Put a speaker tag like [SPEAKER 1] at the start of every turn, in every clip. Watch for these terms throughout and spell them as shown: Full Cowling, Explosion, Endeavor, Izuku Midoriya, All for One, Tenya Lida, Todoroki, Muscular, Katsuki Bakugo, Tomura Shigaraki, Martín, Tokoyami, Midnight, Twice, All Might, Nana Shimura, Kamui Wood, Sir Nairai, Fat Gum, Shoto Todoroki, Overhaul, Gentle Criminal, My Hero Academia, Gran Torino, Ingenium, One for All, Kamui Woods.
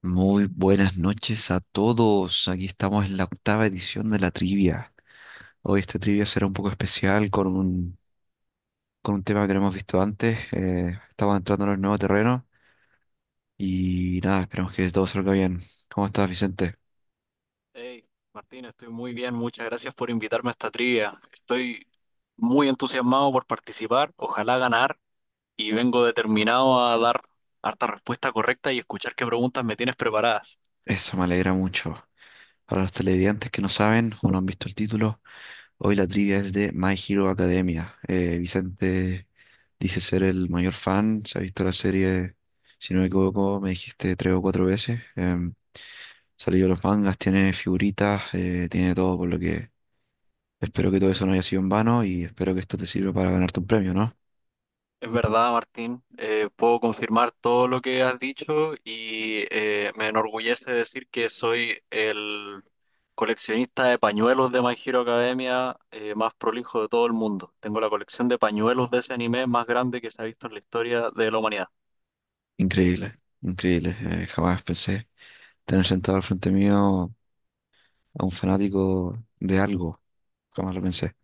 [SPEAKER 1] Muy buenas noches a todos. Aquí estamos en la octava edición de la trivia. Hoy esta trivia será un poco especial con con un tema que no hemos visto antes. Estamos entrando en el nuevo terreno y nada, esperamos que todo salga bien. ¿Cómo estás, Vicente?
[SPEAKER 2] Hey, Martín, estoy muy bien. Muchas gracias por invitarme a esta trivia. Estoy muy entusiasmado por participar, ojalá ganar, y vengo determinado a dar harta respuesta correcta y escuchar qué preguntas me tienes preparadas.
[SPEAKER 1] Eso me alegra mucho. Para los televidentes que no saben o no han visto el título, hoy la trivia es de My Hero Academia. Vicente dice ser el mayor fan, se ha visto la serie, si no me equivoco, me dijiste tres o cuatro veces. Salido los mangas, tiene figuritas, tiene todo, por lo que espero que todo eso no haya sido en vano y espero que esto te sirva para ganarte un premio, ¿no?
[SPEAKER 2] Es verdad, Martín, puedo confirmar todo lo que has dicho y me enorgullece decir que soy el coleccionista de pañuelos de My Hero Academia más prolijo de todo el mundo. Tengo la colección de pañuelos de ese anime más grande que se ha visto en la historia de la humanidad.
[SPEAKER 1] Increíble, increíble. Jamás pensé tener sentado al frente mío a un fanático de algo. Jamás lo pensé.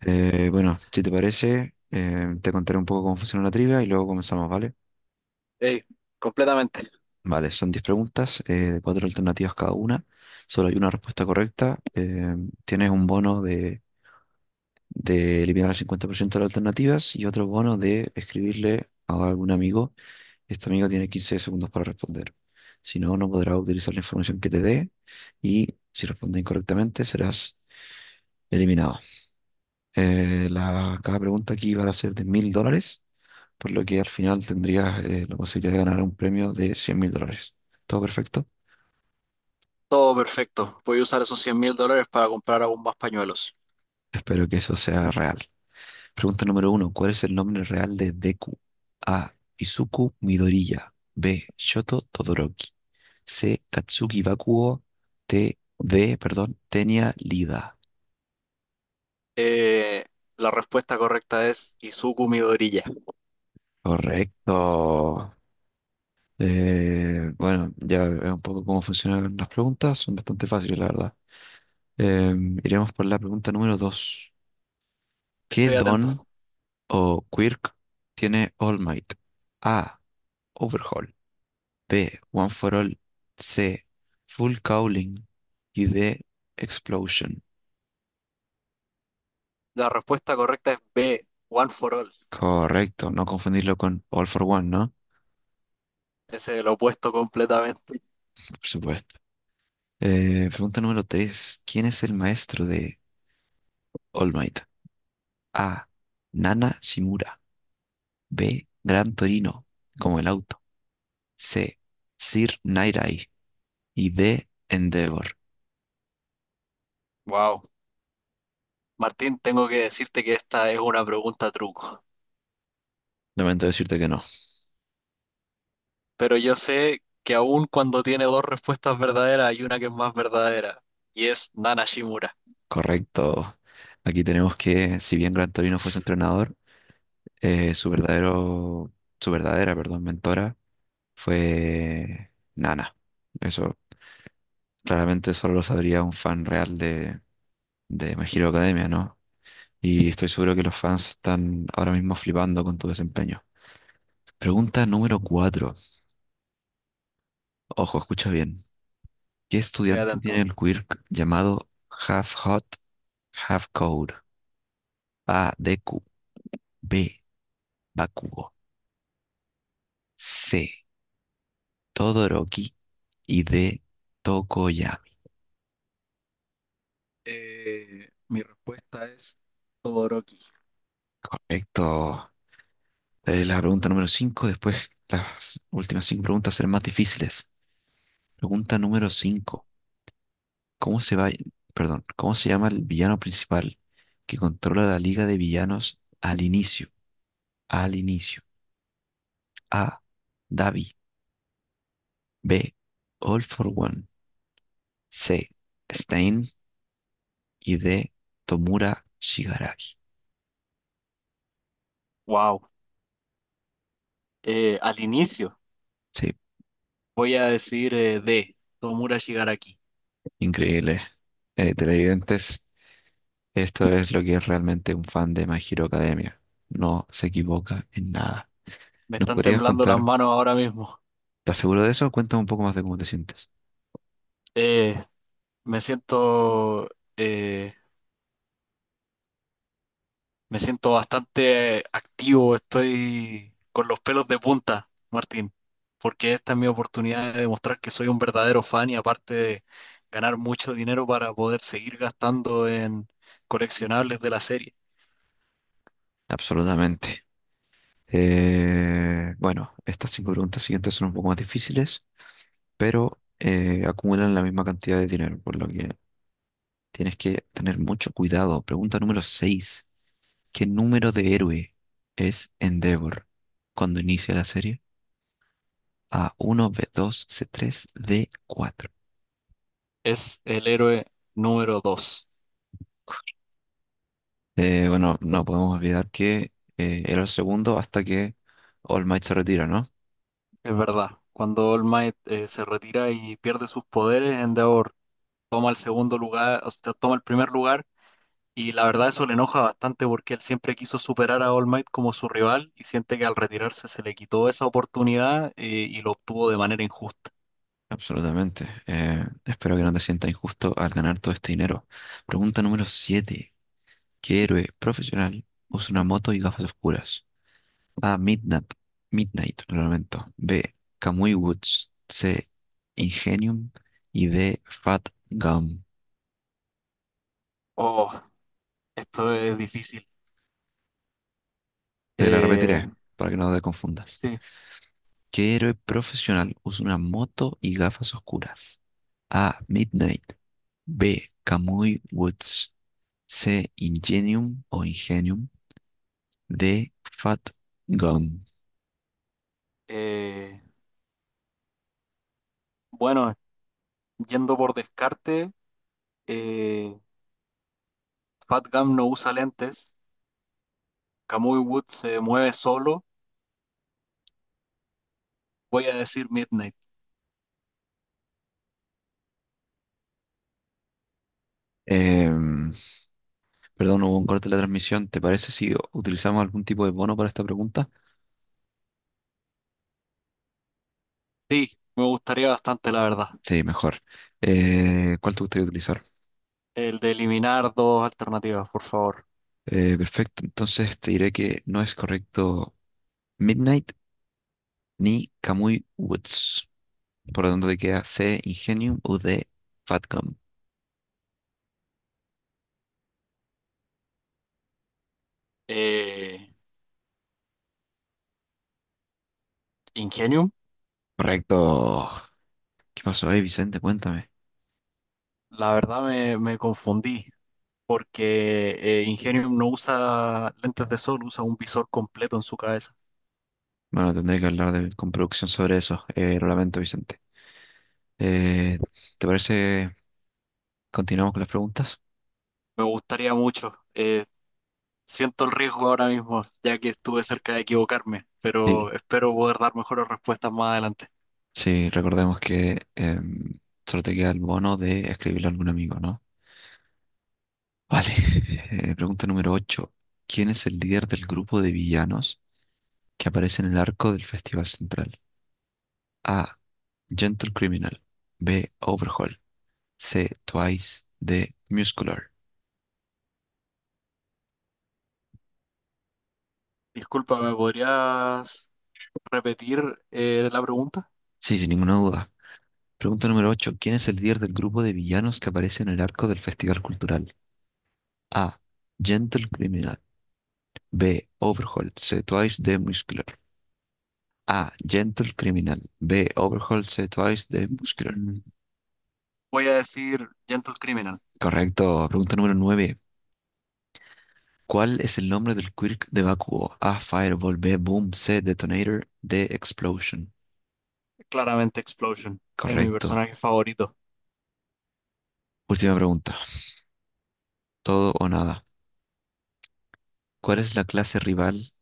[SPEAKER 1] Bueno, si te parece, te contaré un poco cómo funciona la trivia y luego comenzamos, ¿vale?
[SPEAKER 2] Ey, completamente,
[SPEAKER 1] Vale, son 10 preguntas, de cuatro alternativas cada una. Solo hay una respuesta correcta. Tienes un bono de eliminar el 50% de las alternativas y otro bono de escribirle a algún amigo. Este amigo tiene 15 segundos para responder. Si no, no podrá utilizar la información que te dé y si responde incorrectamente serás eliminado. Cada pregunta aquí va a ser de $1.000, por lo que al final tendrías la posibilidad de ganar un premio de 100 mil dólares. ¿Todo perfecto?
[SPEAKER 2] todo perfecto. Voy a usar esos 100.000 dólares para comprar aún más pañuelos.
[SPEAKER 1] Espero que eso sea real. Pregunta número uno. ¿Cuál es el nombre real de Deku? A. Izuku Midoriya. B. Shoto Todoroki. C. Katsuki Bakugo. T. D. Perdón. Tenya Lida.
[SPEAKER 2] Eh, la respuesta correcta es Izuku Midoriya.
[SPEAKER 1] Correcto. Bueno, ya es un poco cómo funcionan las preguntas. Son bastante fáciles, la verdad. Iremos por la pregunta número dos. ¿Qué
[SPEAKER 2] Estoy
[SPEAKER 1] don
[SPEAKER 2] atento.
[SPEAKER 1] o quirk tiene All Might? A. Overhaul. B. One for All. C. Full Cowling. Y D. Explosion.
[SPEAKER 2] La respuesta correcta es B, One for All.
[SPEAKER 1] Correcto, no confundirlo con All for One, ¿no?
[SPEAKER 2] Ese es el opuesto completamente.
[SPEAKER 1] Por supuesto. Pregunta número 3: ¿Quién es el maestro de All Might? A. Nana Shimura. B. Gran Torino, como el auto. C. Sir Nairai. Y D. Endeavor.
[SPEAKER 2] Wow. Martín, tengo que decirte que esta es una pregunta truco.
[SPEAKER 1] Lamento decirte que no.
[SPEAKER 2] Pero yo sé que aún cuando tiene dos respuestas verdaderas, hay una que es más verdadera. Y es Nana Shimura.
[SPEAKER 1] Correcto. Aquí tenemos que, si bien Gran Torino fuese entrenador, eh, su verdadero, su verdadera, perdón, mentora fue Nana. Eso claramente solo lo sabría un fan real de My Hero Academia, ¿no? Y
[SPEAKER 2] Sí,
[SPEAKER 1] estoy seguro que los fans están ahora mismo flipando con tu desempeño. Pregunta número cuatro. Ojo, escucha bien. ¿Qué
[SPEAKER 2] estoy
[SPEAKER 1] estudiante tiene
[SPEAKER 2] atento.
[SPEAKER 1] el quirk llamado Half Hot, Half Cold? A. Deku. B. Bakugo. C. Todoroki. Y D. Tokoyami.
[SPEAKER 2] Mi respuesta es Todoroki.
[SPEAKER 1] Correcto. Daré la pregunta número 5, después las últimas cinco preguntas serán más difíciles. Pregunta número 5. ¿Cómo se va, Perdón, ¿cómo se llama el villano principal que controla la liga de villanos al inicio? Al inicio. A. Davi. B. All for One. C. Stein. Y D. Tomura Shigaraki.
[SPEAKER 2] Wow. Al inicio
[SPEAKER 1] Sí,
[SPEAKER 2] voy a decir D, Tomura Shigaraki.
[SPEAKER 1] increíble. Televidentes, esto es lo que es realmente un fan de My Hero Academia. No se equivoca en nada.
[SPEAKER 2] Me
[SPEAKER 1] ¿Nos
[SPEAKER 2] están
[SPEAKER 1] podrías
[SPEAKER 2] temblando las
[SPEAKER 1] contar?
[SPEAKER 2] manos ahora mismo.
[SPEAKER 1] ¿Estás seguro de eso? Cuéntame un poco más de cómo te sientes.
[SPEAKER 2] Eh, me siento, eh, me siento bastante activo. Estoy con los pelos de punta, Martín, porque esta es mi oportunidad de demostrar que soy un verdadero fan y aparte de ganar mucho dinero para poder seguir gastando en coleccionables de la serie.
[SPEAKER 1] Absolutamente. Bueno, estas cinco preguntas siguientes son un poco más difíciles, pero acumulan la misma cantidad de dinero, por lo que tienes que tener mucho cuidado. Pregunta número 6: ¿Qué número de héroe es Endeavor cuando inicia la serie? A uno, b dos, c tres, d cuatro.
[SPEAKER 2] Es el héroe número 2.
[SPEAKER 1] Bueno, no podemos olvidar que era el segundo hasta que All Might se retira, ¿no?
[SPEAKER 2] Es verdad, cuando All Might se retira y pierde sus poderes, Endeavor toma el segundo lugar, o sea, toma el primer lugar, y la verdad eso le enoja bastante porque él siempre quiso superar a All Might como su rival y siente que al retirarse se le quitó esa oportunidad y lo obtuvo de manera injusta.
[SPEAKER 1] Absolutamente. Espero que no te sientas injusto al ganar todo este dinero. Pregunta número siete. ¿Qué héroe profesional usa una moto y gafas oscuras? A. Midnight. Midnight, lo lamento. B. Kamui Woods. C. Ingenium. Y D. Fat Gum.
[SPEAKER 2] Oh, esto es difícil.
[SPEAKER 1] Te la repetiré
[SPEAKER 2] Eh,
[SPEAKER 1] para que no te confundas.
[SPEAKER 2] sí.
[SPEAKER 1] ¿Qué héroe profesional usa una moto y gafas oscuras? A. Midnight. B. Kamui Woods. C. Ingenium o Ingenium. De Fat Gum.
[SPEAKER 2] eh, bueno, yendo por descarte, eh, Fat Gum no usa lentes, Kamui Wood se mueve solo, voy a decir Midnight.
[SPEAKER 1] Em, Perdón, hubo un corte de la transmisión. ¿Te parece si utilizamos algún tipo de bono para esta pregunta?
[SPEAKER 2] Sí, me gustaría bastante, la verdad.
[SPEAKER 1] Sí, mejor. ¿Cuál te gustaría utilizar?
[SPEAKER 2] El de eliminar dos alternativas, por favor.
[SPEAKER 1] Perfecto, entonces te diré que no es correcto Midnight ni Kamui Woods. Por lo tanto, te queda C, Ingenium o D, Fatcom.
[SPEAKER 2] Eh, Ingenium,
[SPEAKER 1] Correcto. ¿Qué pasó ahí, Vicente? Cuéntame.
[SPEAKER 2] la verdad me confundí, porque Ingenium no usa lentes de sol, usa un visor completo en su cabeza.
[SPEAKER 1] Bueno, tendré que hablar con producción sobre eso. Lo lamento, Vicente. Eh, ¿Te parece? Continuamos con las preguntas.
[SPEAKER 2] Me gustaría mucho. Siento el riesgo ahora mismo, ya que estuve cerca de equivocarme, pero
[SPEAKER 1] Sí,
[SPEAKER 2] espero poder dar mejores respuestas más adelante.
[SPEAKER 1] sí, recordemos que solo te queda el bono de escribirle a algún amigo, ¿no? Vale. Pregunta número 8. ¿Quién es el líder del grupo de villanos que aparece en el arco del Festival Central? A. Gentle Criminal. B. Overhaul. C. Twice. D. Muscular.
[SPEAKER 2] Disculpa, ¿me podrías repetir la pregunta?
[SPEAKER 1] Sí, sin ninguna duda. Pregunta número 8. ¿Quién es el líder del grupo de villanos que aparece en el arco del Festival Cultural? A. Gentle Criminal. B. Overhaul. C. Twice. D. Muscular. A. Gentle Criminal. B. Overhaul C. Twice de Muscular.
[SPEAKER 2] Mm. Voy a decir Gentle Criminal.
[SPEAKER 1] Correcto. Pregunta número 9. ¿Cuál es el nombre del quirk de Bakugo? A. Fireball. B. Boom. C. Detonator. D. Explosion.
[SPEAKER 2] Claramente Explosion es mi
[SPEAKER 1] Correcto.
[SPEAKER 2] personaje favorito.
[SPEAKER 1] Última pregunta. Todo o nada. ¿Cuál es la clase rival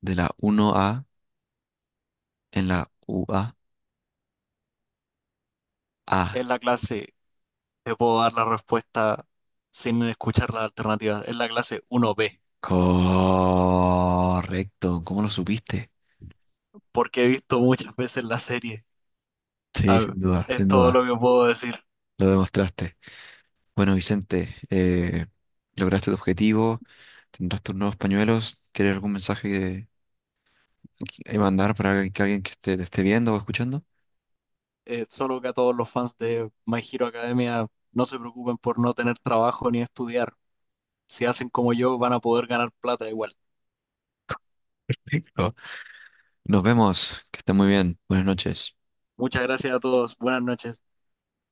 [SPEAKER 1] de la 1A en la UA? A.
[SPEAKER 2] En la clase te puedo dar la respuesta sin escuchar las alternativas. Es la clase 1B,
[SPEAKER 1] A? Correcto. ¿Cómo lo supiste?
[SPEAKER 2] porque he visto muchas veces la serie.
[SPEAKER 1] Sí,
[SPEAKER 2] A ver,
[SPEAKER 1] sin duda,
[SPEAKER 2] es
[SPEAKER 1] sin
[SPEAKER 2] todo lo
[SPEAKER 1] duda.
[SPEAKER 2] que puedo decir.
[SPEAKER 1] Lo demostraste. Bueno, Vicente, lograste tu objetivo, tendrás tus nuevos pañuelos. ¿Quieres algún mensaje que mandar para que alguien que esté, te esté viendo o escuchando?
[SPEAKER 2] Solo que a todos los fans de My Hero Academia no se preocupen por no tener trabajo ni estudiar. Si hacen como yo, van a poder ganar plata igual.
[SPEAKER 1] Perfecto. Nos vemos, que esté muy bien. Buenas noches.
[SPEAKER 2] Muchas gracias a todos. Buenas noches.